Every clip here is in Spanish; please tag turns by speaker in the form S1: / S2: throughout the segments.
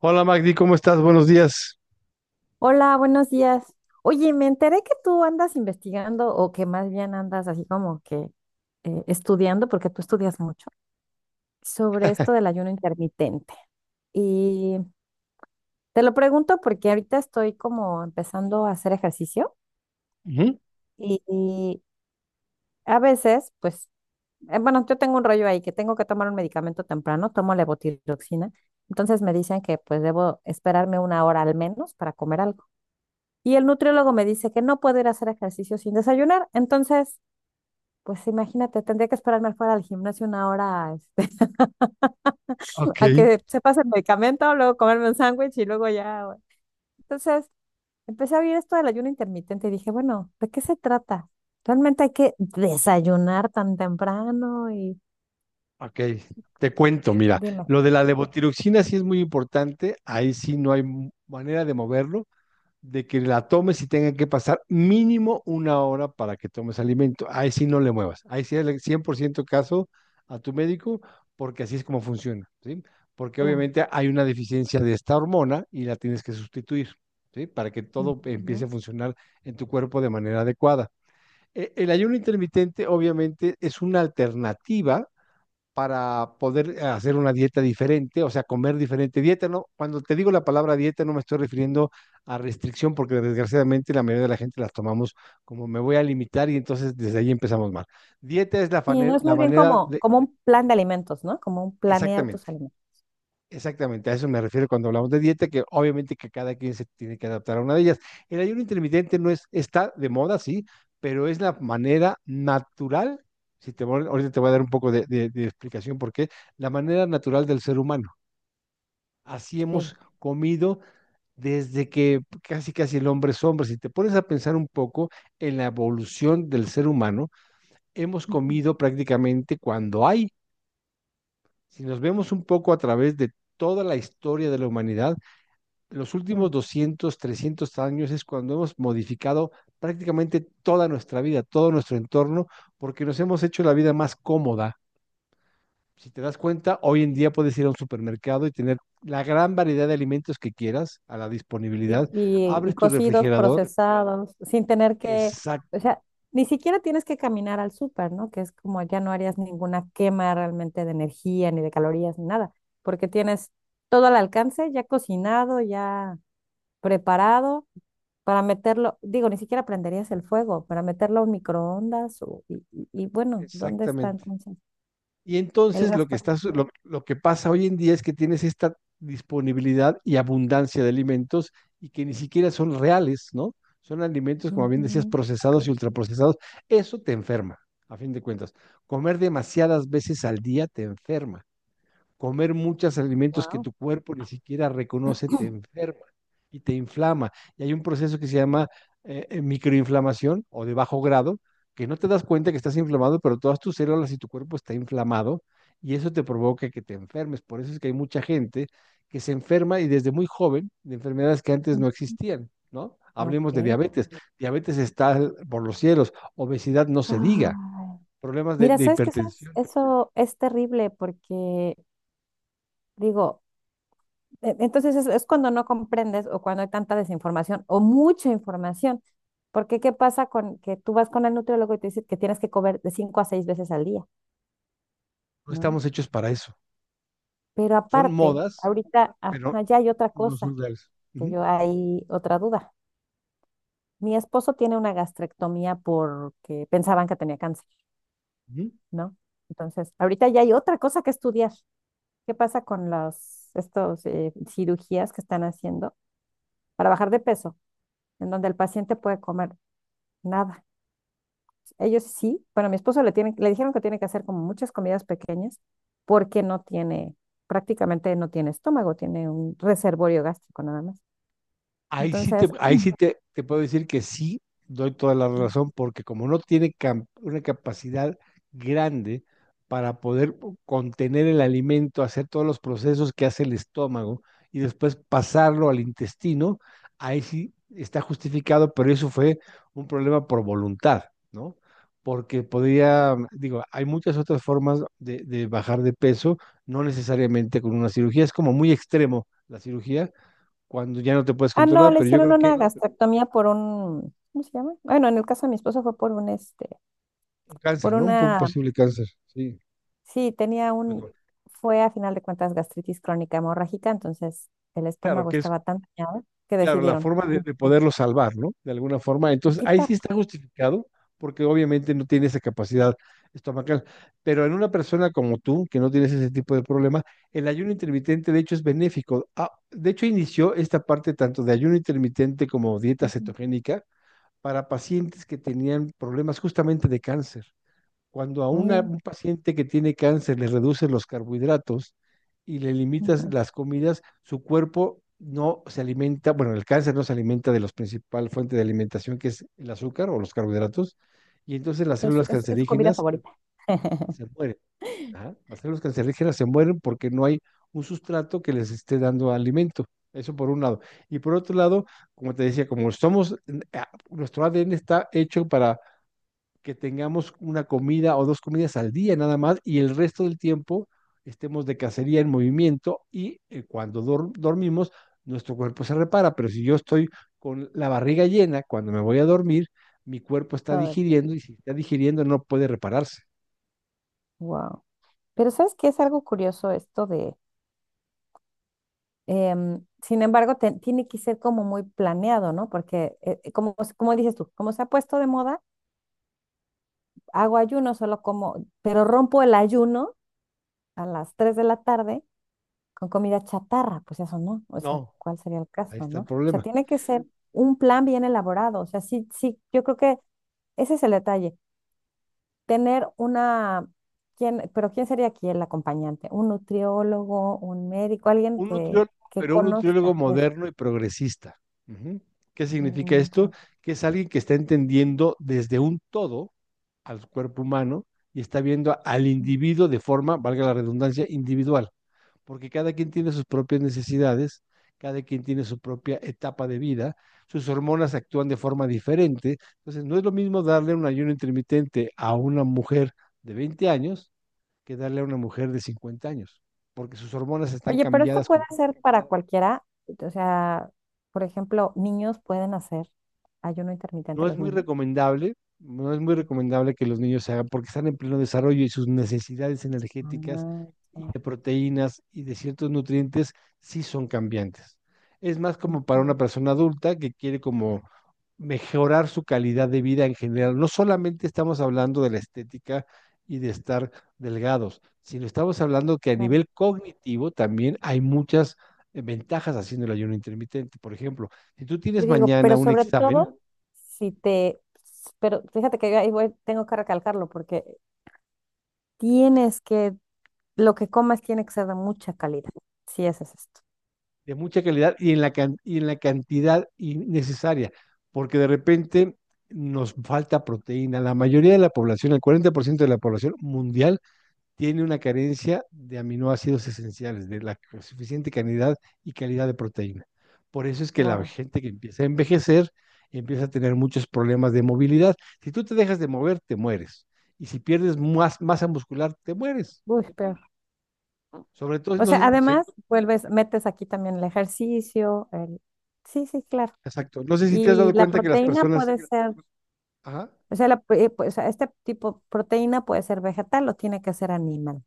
S1: Hola Magdi, ¿cómo estás? Buenos días.
S2: Hola, buenos días. Oye, me enteré que tú andas investigando o que más bien andas así como que estudiando, porque tú estudias mucho, sobre esto del ayuno intermitente. Y te lo pregunto porque ahorita estoy como empezando a hacer ejercicio
S1: Ujú.
S2: y a veces, pues, bueno, yo tengo un rollo ahí que tengo que tomar un medicamento temprano, tomo levotiroxina, entonces me dicen que pues debo esperarme una hora al menos para comer algo. Y el nutriólogo me dice que no puedo ir a hacer ejercicio sin desayunar. Entonces, pues imagínate, tendría que esperarme fuera del gimnasio una hora
S1: Ok,
S2: a que se pase el medicamento, luego comerme un sándwich y luego ya, bueno. Entonces, empecé a ver esto del ayuno intermitente y dije, bueno, ¿de qué se trata? Realmente hay que desayunar tan temprano y
S1: ok. Te cuento, mira,
S2: dime.
S1: lo de la levotiroxina sí es muy importante, ahí sí no hay manera de moverlo, de que la tomes y tenga que pasar mínimo una hora para que tomes alimento, ahí sí no le muevas, ahí sí el 100% caso a tu médico, porque así es como funciona, ¿sí? Porque
S2: la-
S1: obviamente hay una deficiencia de esta hormona y la tienes que sustituir, ¿sí? Para que todo empiece
S2: Ujú.
S1: a funcionar en tu cuerpo de manera adecuada. El ayuno intermitente obviamente es una alternativa para poder hacer una dieta diferente, o sea, comer diferente. Dieta, no, cuando te digo la palabra dieta no me estoy refiriendo a restricción porque desgraciadamente la mayoría de la gente las tomamos como me voy a limitar y entonces desde ahí empezamos mal. Dieta es la,
S2: Y
S1: fane-
S2: no es
S1: la
S2: más bien
S1: manera
S2: como,
S1: de.
S2: como un plan de alimentos, ¿no? Como un planear tus
S1: exactamente,
S2: alimentos.
S1: Exactamente, a eso me refiero cuando hablamos de dieta, que obviamente que cada quien se tiene que adaptar a una de ellas. El ayuno intermitente no es, está de moda, sí, pero es la manera natural, si te, vol- ahorita te voy a dar un poco de explicación por qué, la manera natural del ser humano. Así
S2: Sí.
S1: hemos comido desde que casi casi el hombre es hombre. Si te pones a pensar un poco en la evolución del ser humano, hemos comido prácticamente cuando hay. Si nos vemos un poco a través de toda la historia de la humanidad, los últimos
S2: Ujú.
S1: 200, 300 años es cuando hemos modificado prácticamente toda nuestra vida, todo nuestro entorno, porque nos hemos hecho la vida más cómoda. Si te das cuenta, hoy en día puedes ir a un supermercado y tener la gran variedad de alimentos que quieras a la
S2: Y,
S1: disponibilidad.
S2: y- y
S1: Abres tu
S2: cocidos,
S1: refrigerador.
S2: procesados, sin tener que, o
S1: Exacto,
S2: sea, ni siquiera tienes que caminar al súper, ¿no? Que es como ya no harías ninguna quema realmente de energía, ni de calorías, ni nada, porque tienes todo al alcance, ya cocinado, ya preparado, para meterlo, digo, ni siquiera prenderías el fuego, para meterlo a un microondas, y bueno, ¿dónde está
S1: exactamente.
S2: entonces
S1: Y
S2: el
S1: entonces lo que
S2: gasto?
S1: está, su- lo que pasa hoy en día es que tienes esta disponibilidad y abundancia de alimentos y que ni siquiera son reales, ¿no? Son alimentos, como bien decías, procesados y ultraprocesados. Eso te enferma, a fin de cuentas. Comer demasiadas veces al día te enferma. Comer muchos alimentos que
S2: Wow.
S1: tu cuerpo ni siquiera reconoce te enferma y te inflama. Y hay un proceso que se llama microinflamación o de bajo grado, que no te das cuenta que estás inflamado, pero todas tus células y tu cuerpo está inflamado y eso te provoca que te enfermes. Por eso es que hay mucha gente que se enferma y desde muy joven de enfermedades que antes no existían, ¿no? Hablemos de
S2: Ok.
S1: diabetes. Diabetes está por los cielos, obesidad no se diga,
S2: Ay,
S1: problemas de,
S2: mira,
S1: de
S2: ¿sabes que Eso es,
S1: hipertensión.
S2: eso es terrible porque, digo, entonces es cuando no comprendes o cuando hay tanta desinformación o mucha información. Porque, ¿qué pasa con que tú vas con el nutriólogo y te dice que tienes que comer de cinco a seis veces al día?
S1: No
S2: ¿No?
S1: estamos hechos para eso.
S2: Pero
S1: Son
S2: aparte,
S1: modas
S2: ahorita,
S1: pero
S2: ajá, ya hay otra
S1: no son
S2: cosa,
S1: reales.
S2: que
S1: Ujú,
S2: yo hay otra duda. Mi esposo tiene una gastrectomía porque pensaban que tenía cáncer,
S1: ujú.
S2: ¿no? Entonces, ahorita ya hay otra cosa que estudiar. ¿Qué pasa con las estos cirugías que están haciendo para bajar de peso, en donde el paciente puede comer nada? Ellos sí, bueno, a mi esposo le dijeron que tiene que hacer como muchas comidas pequeñas porque prácticamente no tiene estómago, tiene un reservorio gástrico nada más.
S1: Ahí sí te,
S2: Entonces,
S1: ahí sí te, te puedo decir que sí, doy toda la
S2: mm.
S1: razón, porque como no tiene una capacidad grande para poder contener el alimento, hacer todos los procesos que hace el estómago y después pasarlo al intestino, ahí sí está justificado, pero eso fue un problema por voluntad, ¿no? Porque podría, digo, hay muchas otras formas de bajar de peso, no necesariamente con una cirugía, es como muy extremo la cirugía, cuando ya no te puedes
S2: Ah, no,
S1: controlar,
S2: le
S1: pero yo
S2: hicieron
S1: creo
S2: una
S1: que
S2: gastrectomía por un, ¿cómo se llama? Bueno, en el caso de mi esposo fue por un
S1: un cáncer,
S2: por
S1: ¿no? Un
S2: una.
S1: posible cáncer, sí.
S2: Sí, tenía un, fue a final de cuentas gastritis crónica hemorrágica, entonces el
S1: Claro,
S2: estómago
S1: que es,
S2: estaba tan dañado que
S1: claro, la
S2: decidieron
S1: forma de,
S2: "No,
S1: de poderlo salvar, ¿no? De alguna forma.
S2: mejor
S1: Entonces, ahí sí
S2: quitarlo."
S1: está justificado, porque obviamente no tiene esa capacidad estomacal. Pero en una persona como tú, que no tienes ese tipo de problema, el ayuno intermitente, de hecho, es benéfico. Ah, de hecho, inició esta parte tanto de ayuno intermitente como dieta
S2: Ujú.
S1: cetogénica para pacientes que tenían problemas justamente de cáncer. Cuando a una-
S2: Mira,
S1: un paciente que tiene cáncer le reduces los carbohidratos y le limitas
S2: ujú.
S1: las comidas, su cuerpo no se alimenta, bueno, el cáncer no se alimenta de la principal fuente de alimentación que es el azúcar o los carbohidratos, y entonces las
S2: Es, su
S1: células
S2: es- es su comida
S1: cancerígenas
S2: favorita.
S1: se mueren. Ajá. Las células cancerígenas se mueren porque no hay un sustrato que les esté dando alimento. Eso por un lado. Y por otro lado, como te decía, nuestro ADN está hecho para que tengamos una comida o dos comidas al día nada más y el resto del tiempo estemos de cacería en movimiento y cuando dormimos nuestro cuerpo se repara, pero si yo estoy con la barriga llena cuando me voy a dormir, mi cuerpo está
S2: Todo el tiempo.
S1: digiriendo y si está digiriendo no puede repararse.
S2: Wow. Pero, ¿sabes qué? Es algo curioso esto de, sin embargo, tiene que ser como muy planeado, ¿no? Porque, como dices tú, como se ha puesto de moda, hago ayuno, solo como, pero rompo el ayuno a las 3 de la tarde con comida chatarra, pues eso no, o sea,
S1: No,
S2: ¿cuál sería el
S1: ahí
S2: caso?
S1: está
S2: ¿No?
S1: el
S2: O sea,
S1: problema.
S2: tiene que ser un plan bien elaborado, o sea, sí, sí, yo creo que ese es el detalle, tener una, pero ¿quién sería aquí el acompañante? ¿Un nutriólogo, un médico, alguien
S1: Un
S2: que,
S1: nutriólogo, pero un nutriólogo
S2: conozca?
S1: moderno y progresista. Ujú. ¿Qué significa
S2: Mm,
S1: esto?
S2: ya.
S1: Que es alguien que está entendiendo desde un todo al cuerpo humano y está viendo al individuo de forma, valga la redundancia, individual, porque cada quien tiene sus propias necesidades, cada quien tiene su propia etapa de vida, sus hormonas actúan de forma diferente, entonces no es lo mismo darle un ayuno intermitente a una mujer de 20 años que darle a una mujer de 50 años, porque sus hormonas están
S2: Oye, pero esto
S1: cambiadas.
S2: puede ser para cualquiera, o sea, por ejemplo, niños pueden hacer ayuno
S1: No
S2: intermitente
S1: es
S2: los
S1: muy
S2: niños.
S1: recomendable, no es muy recomendable que los niños se hagan porque están en pleno desarrollo y sus necesidades
S2: Ah,
S1: energéticas y
S2: ya.
S1: de proteínas y de ciertos nutrientes sí son cambiantes. Es más como para
S2: Ujú,
S1: una persona adulta que quiere como mejorar su calidad de vida en general. No solamente estamos hablando de la estética y de estar delgados, sino estamos hablando que a
S2: claro.
S1: nivel cognitivo también hay muchas ventajas haciendo el ayuno intermitente. Por ejemplo, si tú
S2: Y
S1: tienes
S2: digo,
S1: mañana
S2: pero
S1: un
S2: sobre
S1: examen,
S2: todo, si te, pero fíjate que yo ahí tengo que recalcarlo porque tienes que, lo que comas tiene que ser de mucha calidad, si ese es esto.
S1: de mucha calidad y en la cantidad necesaria, porque de repente nos falta proteína. La mayoría de la población, el 40% de la población mundial, tiene una carencia de aminoácidos esenciales, de la suficiente cantidad y calidad de proteína. Por eso es que la
S2: Wow.
S1: gente que empieza a envejecer empieza a tener muchos problemas de movilidad. Si tú te dejas de mover, te mueres. Y si pierdes más masa muscular, te mueres.
S2: Uy, peor.
S1: Sobre todo,
S2: O
S1: no
S2: sea,
S1: sé,
S2: además, metes aquí también el ejercicio, el. Sí, sí, claro.
S1: exacto. No sé si te has
S2: Y
S1: dado
S2: la Pues,
S1: cuenta que las
S2: proteína
S1: personas,
S2: entonces, puede ser,
S1: ajá,
S2: o sea, pues, o sea, este tipo de proteína puede ser vegetal o tiene que ser animal.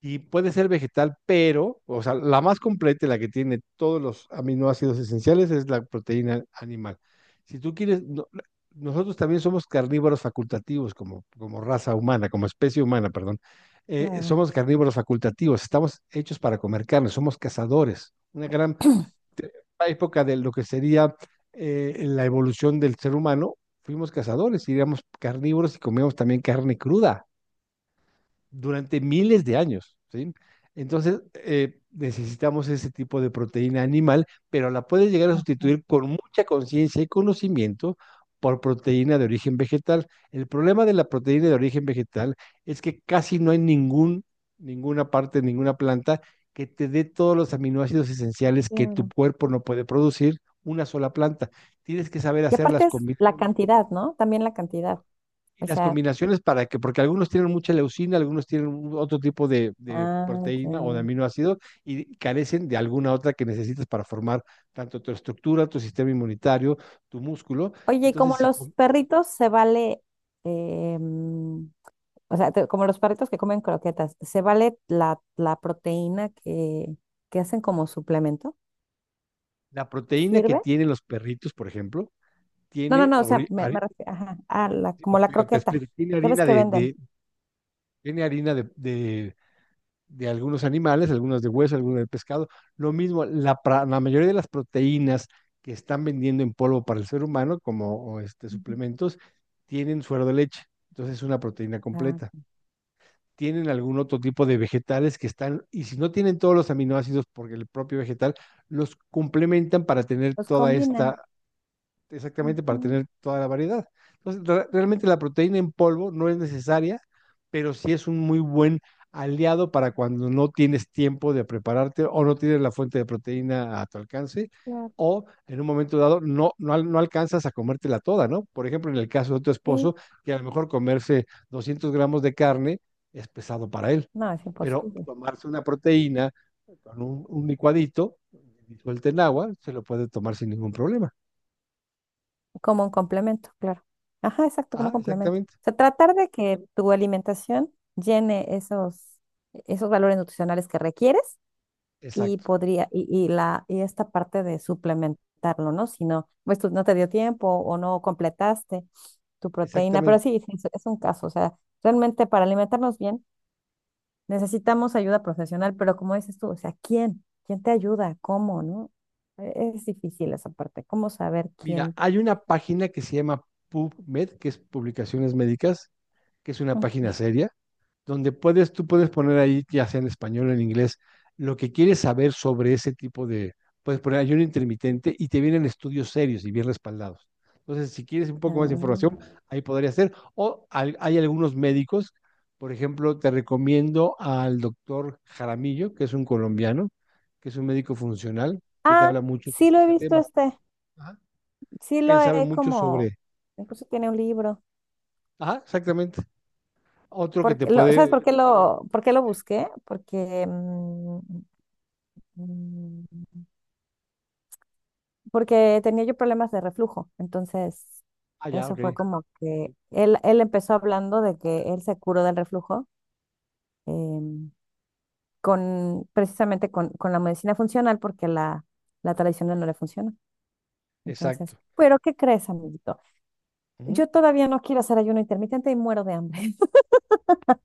S1: y puede ser vegetal, pero, o sea, la más completa, y la que tiene todos los aminoácidos esenciales, es la proteína animal. Si tú quieres, nosotros también somos carnívoros facultativos como raza humana, como especie humana, perdón.
S2: Claro,
S1: Somos carnívoros facultativos, estamos hechos para comer carne, somos cazadores. Una gran te- época de lo que sería la evolución del ser humano, fuimos cazadores, y éramos carnívoros y comíamos también carne cruda durante miles de años, ¿sí? Entonces, necesitamos ese tipo de proteína animal, pero la puedes llegar a
S2: ajá,
S1: sustituir con mucha conciencia y conocimiento por proteína de origen vegetal. El problema de la proteína de origen vegetal es que casi no hay ninguna parte, ninguna planta que te dé todos los aminoácidos esenciales que tu
S2: claro.
S1: cuerpo no puede producir, una sola planta. Tienes que saber
S2: Y
S1: hacer
S2: aparte
S1: las
S2: es
S1: combinaciones
S2: la cantidad, ¿no? También la cantidad.
S1: y
S2: O
S1: las
S2: sea,
S1: combinaciones para que, porque algunos tienen mucha leucina, algunos tienen otro tipo de
S2: ah, ya.
S1: proteína o de aminoácido y carecen de alguna otra que necesitas para formar tanto tu estructura, tu sistema inmunitario, tu músculo.
S2: Oye, ¿y
S1: Entonces,
S2: como
S1: si
S2: los
S1: com-
S2: perritos se vale, em, o sea, como los perritos que comen croquetas, se vale la proteína que hacen como suplemento?
S1: la proteína que
S2: ¿Sirve?
S1: tienen los perritos, por ejemplo,
S2: No, no,
S1: tiene,
S2: no, o sea, me, me refiero, ajá,
S1: sí,
S2: como
S1: pues, te
S2: la
S1: digo, te
S2: croqueta,
S1: explico, tiene
S2: ¿qué ves
S1: harina
S2: que
S1: de,
S2: venden?
S1: tiene harina de, de algunos animales, algunas de hueso, algunas de pescado. Lo mismo, la mayoría de las proteínas que están vendiendo en polvo para el ser humano, como o este,
S2: Ujú.
S1: suplementos, tienen suero de leche. Entonces es una proteína
S2: Ah,
S1: completa.
S2: ya.
S1: Tienen algún otro tipo de vegetales que están, y si no tienen todos los aminoácidos, porque el propio vegetal, los complementan para tener
S2: Los
S1: toda esta
S2: combinan.
S1: exactamente para
S2: Ujú,
S1: tener toda la variedad. Entonces, realmente la proteína en polvo no es necesaria, pero sí es un muy buen aliado para cuando no tienes tiempo de prepararte o no tienes la fuente de proteína a tu alcance
S2: claro.
S1: o en un momento dado no alcanzas a comértela toda, ¿no? Por ejemplo, en el caso de tu
S2: Sí,
S1: esposo, que a lo mejor comerse 200 gramos de carne es pesado para él,
S2: no, es
S1: pero
S2: imposible.
S1: tomarse una proteína con un licuadito disuelta en agua se lo puede tomar sin ningún problema.
S2: Como un complemento, claro. Ajá, exacto, como
S1: Ajá,
S2: complemento.
S1: exactamente.
S2: O sea, tratar de que tu alimentación llene esos valores nutricionales que requieres y
S1: Exacto,
S2: podría, y la, y esta parte de suplementarlo, ¿no? Si no, pues tú no te dio tiempo o no completaste tu proteína, pero
S1: exactamente.
S2: sí, sí, es un caso. O sea, realmente para alimentarnos bien necesitamos ayuda profesional, pero como dices tú, o sea, ¿quién? ¿Quién te ayuda? ¿Cómo? ¿No? Es difícil esa parte, cómo saber
S1: Mira,
S2: quién.
S1: hay una página que se llama PubMed, que es Publicaciones Médicas, que es una página
S2: Ujú.
S1: seria, donde puedes, tú puedes poner ahí, ya sea en español o en inglés, lo que quieres saber sobre ese tipo de, puedes poner ayuno intermitente y te vienen estudios serios y bien respaldados. Entonces, si quieres un poco más de
S2: Ah.
S1: información, ahí podría ser. O hay algunos médicos, por ejemplo, te recomiendo al doctor Jaramillo, que es un colombiano, que es un médico funcional, que te
S2: Ah,
S1: habla mucho
S2: sí
S1: sobre
S2: lo he
S1: este
S2: visto
S1: tema. Ajá.
S2: sí
S1: Él
S2: lo
S1: sabe
S2: he
S1: mucho
S2: como,
S1: sobre...
S2: incluso tiene un libro.
S1: Ajá, exactamente. Otro que te
S2: Porque ¿sabes por
S1: puede...
S2: qué lo, por qué lo busqué? Mm, porque tenía yo problemas de reflujo. Entonces,
S1: Ah, ya,
S2: eso
S1: ok.
S2: fue como que él empezó hablando de que él se curó del reflujo em, precisamente con la medicina funcional porque la tradicional no le funciona. Entonces,
S1: Exacto.
S2: ¿pero qué crees, amiguito?
S1: Ujú.
S2: Yo todavía no quiero hacer ayuno intermitente y muero de hambre.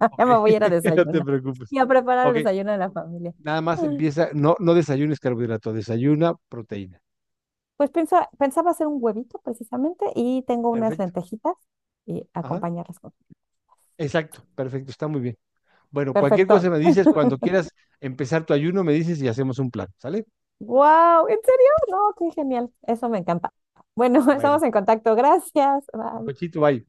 S1: Ok,
S2: Ya me voy a ir a
S1: no te
S2: desayunar
S1: preocupes.
S2: y a preparar el
S1: Ok,
S2: desayuno de la familia.
S1: nada más
S2: Ay,
S1: empieza, no, no desayunes carbohidrato, desayuna proteína.
S2: pues pensaba hacer un huevito precisamente y tengo unas
S1: Perfecto.
S2: lentejitas y
S1: Ajá.
S2: acompañarlas con.
S1: Exacto, perfecto, está muy bien. Bueno, cualquier
S2: Perfecto.
S1: cosa me dices, cuando quieras empezar tu ayuno, me dices y hacemos un plan, ¿sale?
S2: ¡Wow! ¿En serio? No, qué genial. Eso me encanta. Bueno,
S1: Bueno,
S2: estamos en contacto. Gracias. Bye.
S1: provechito, bye.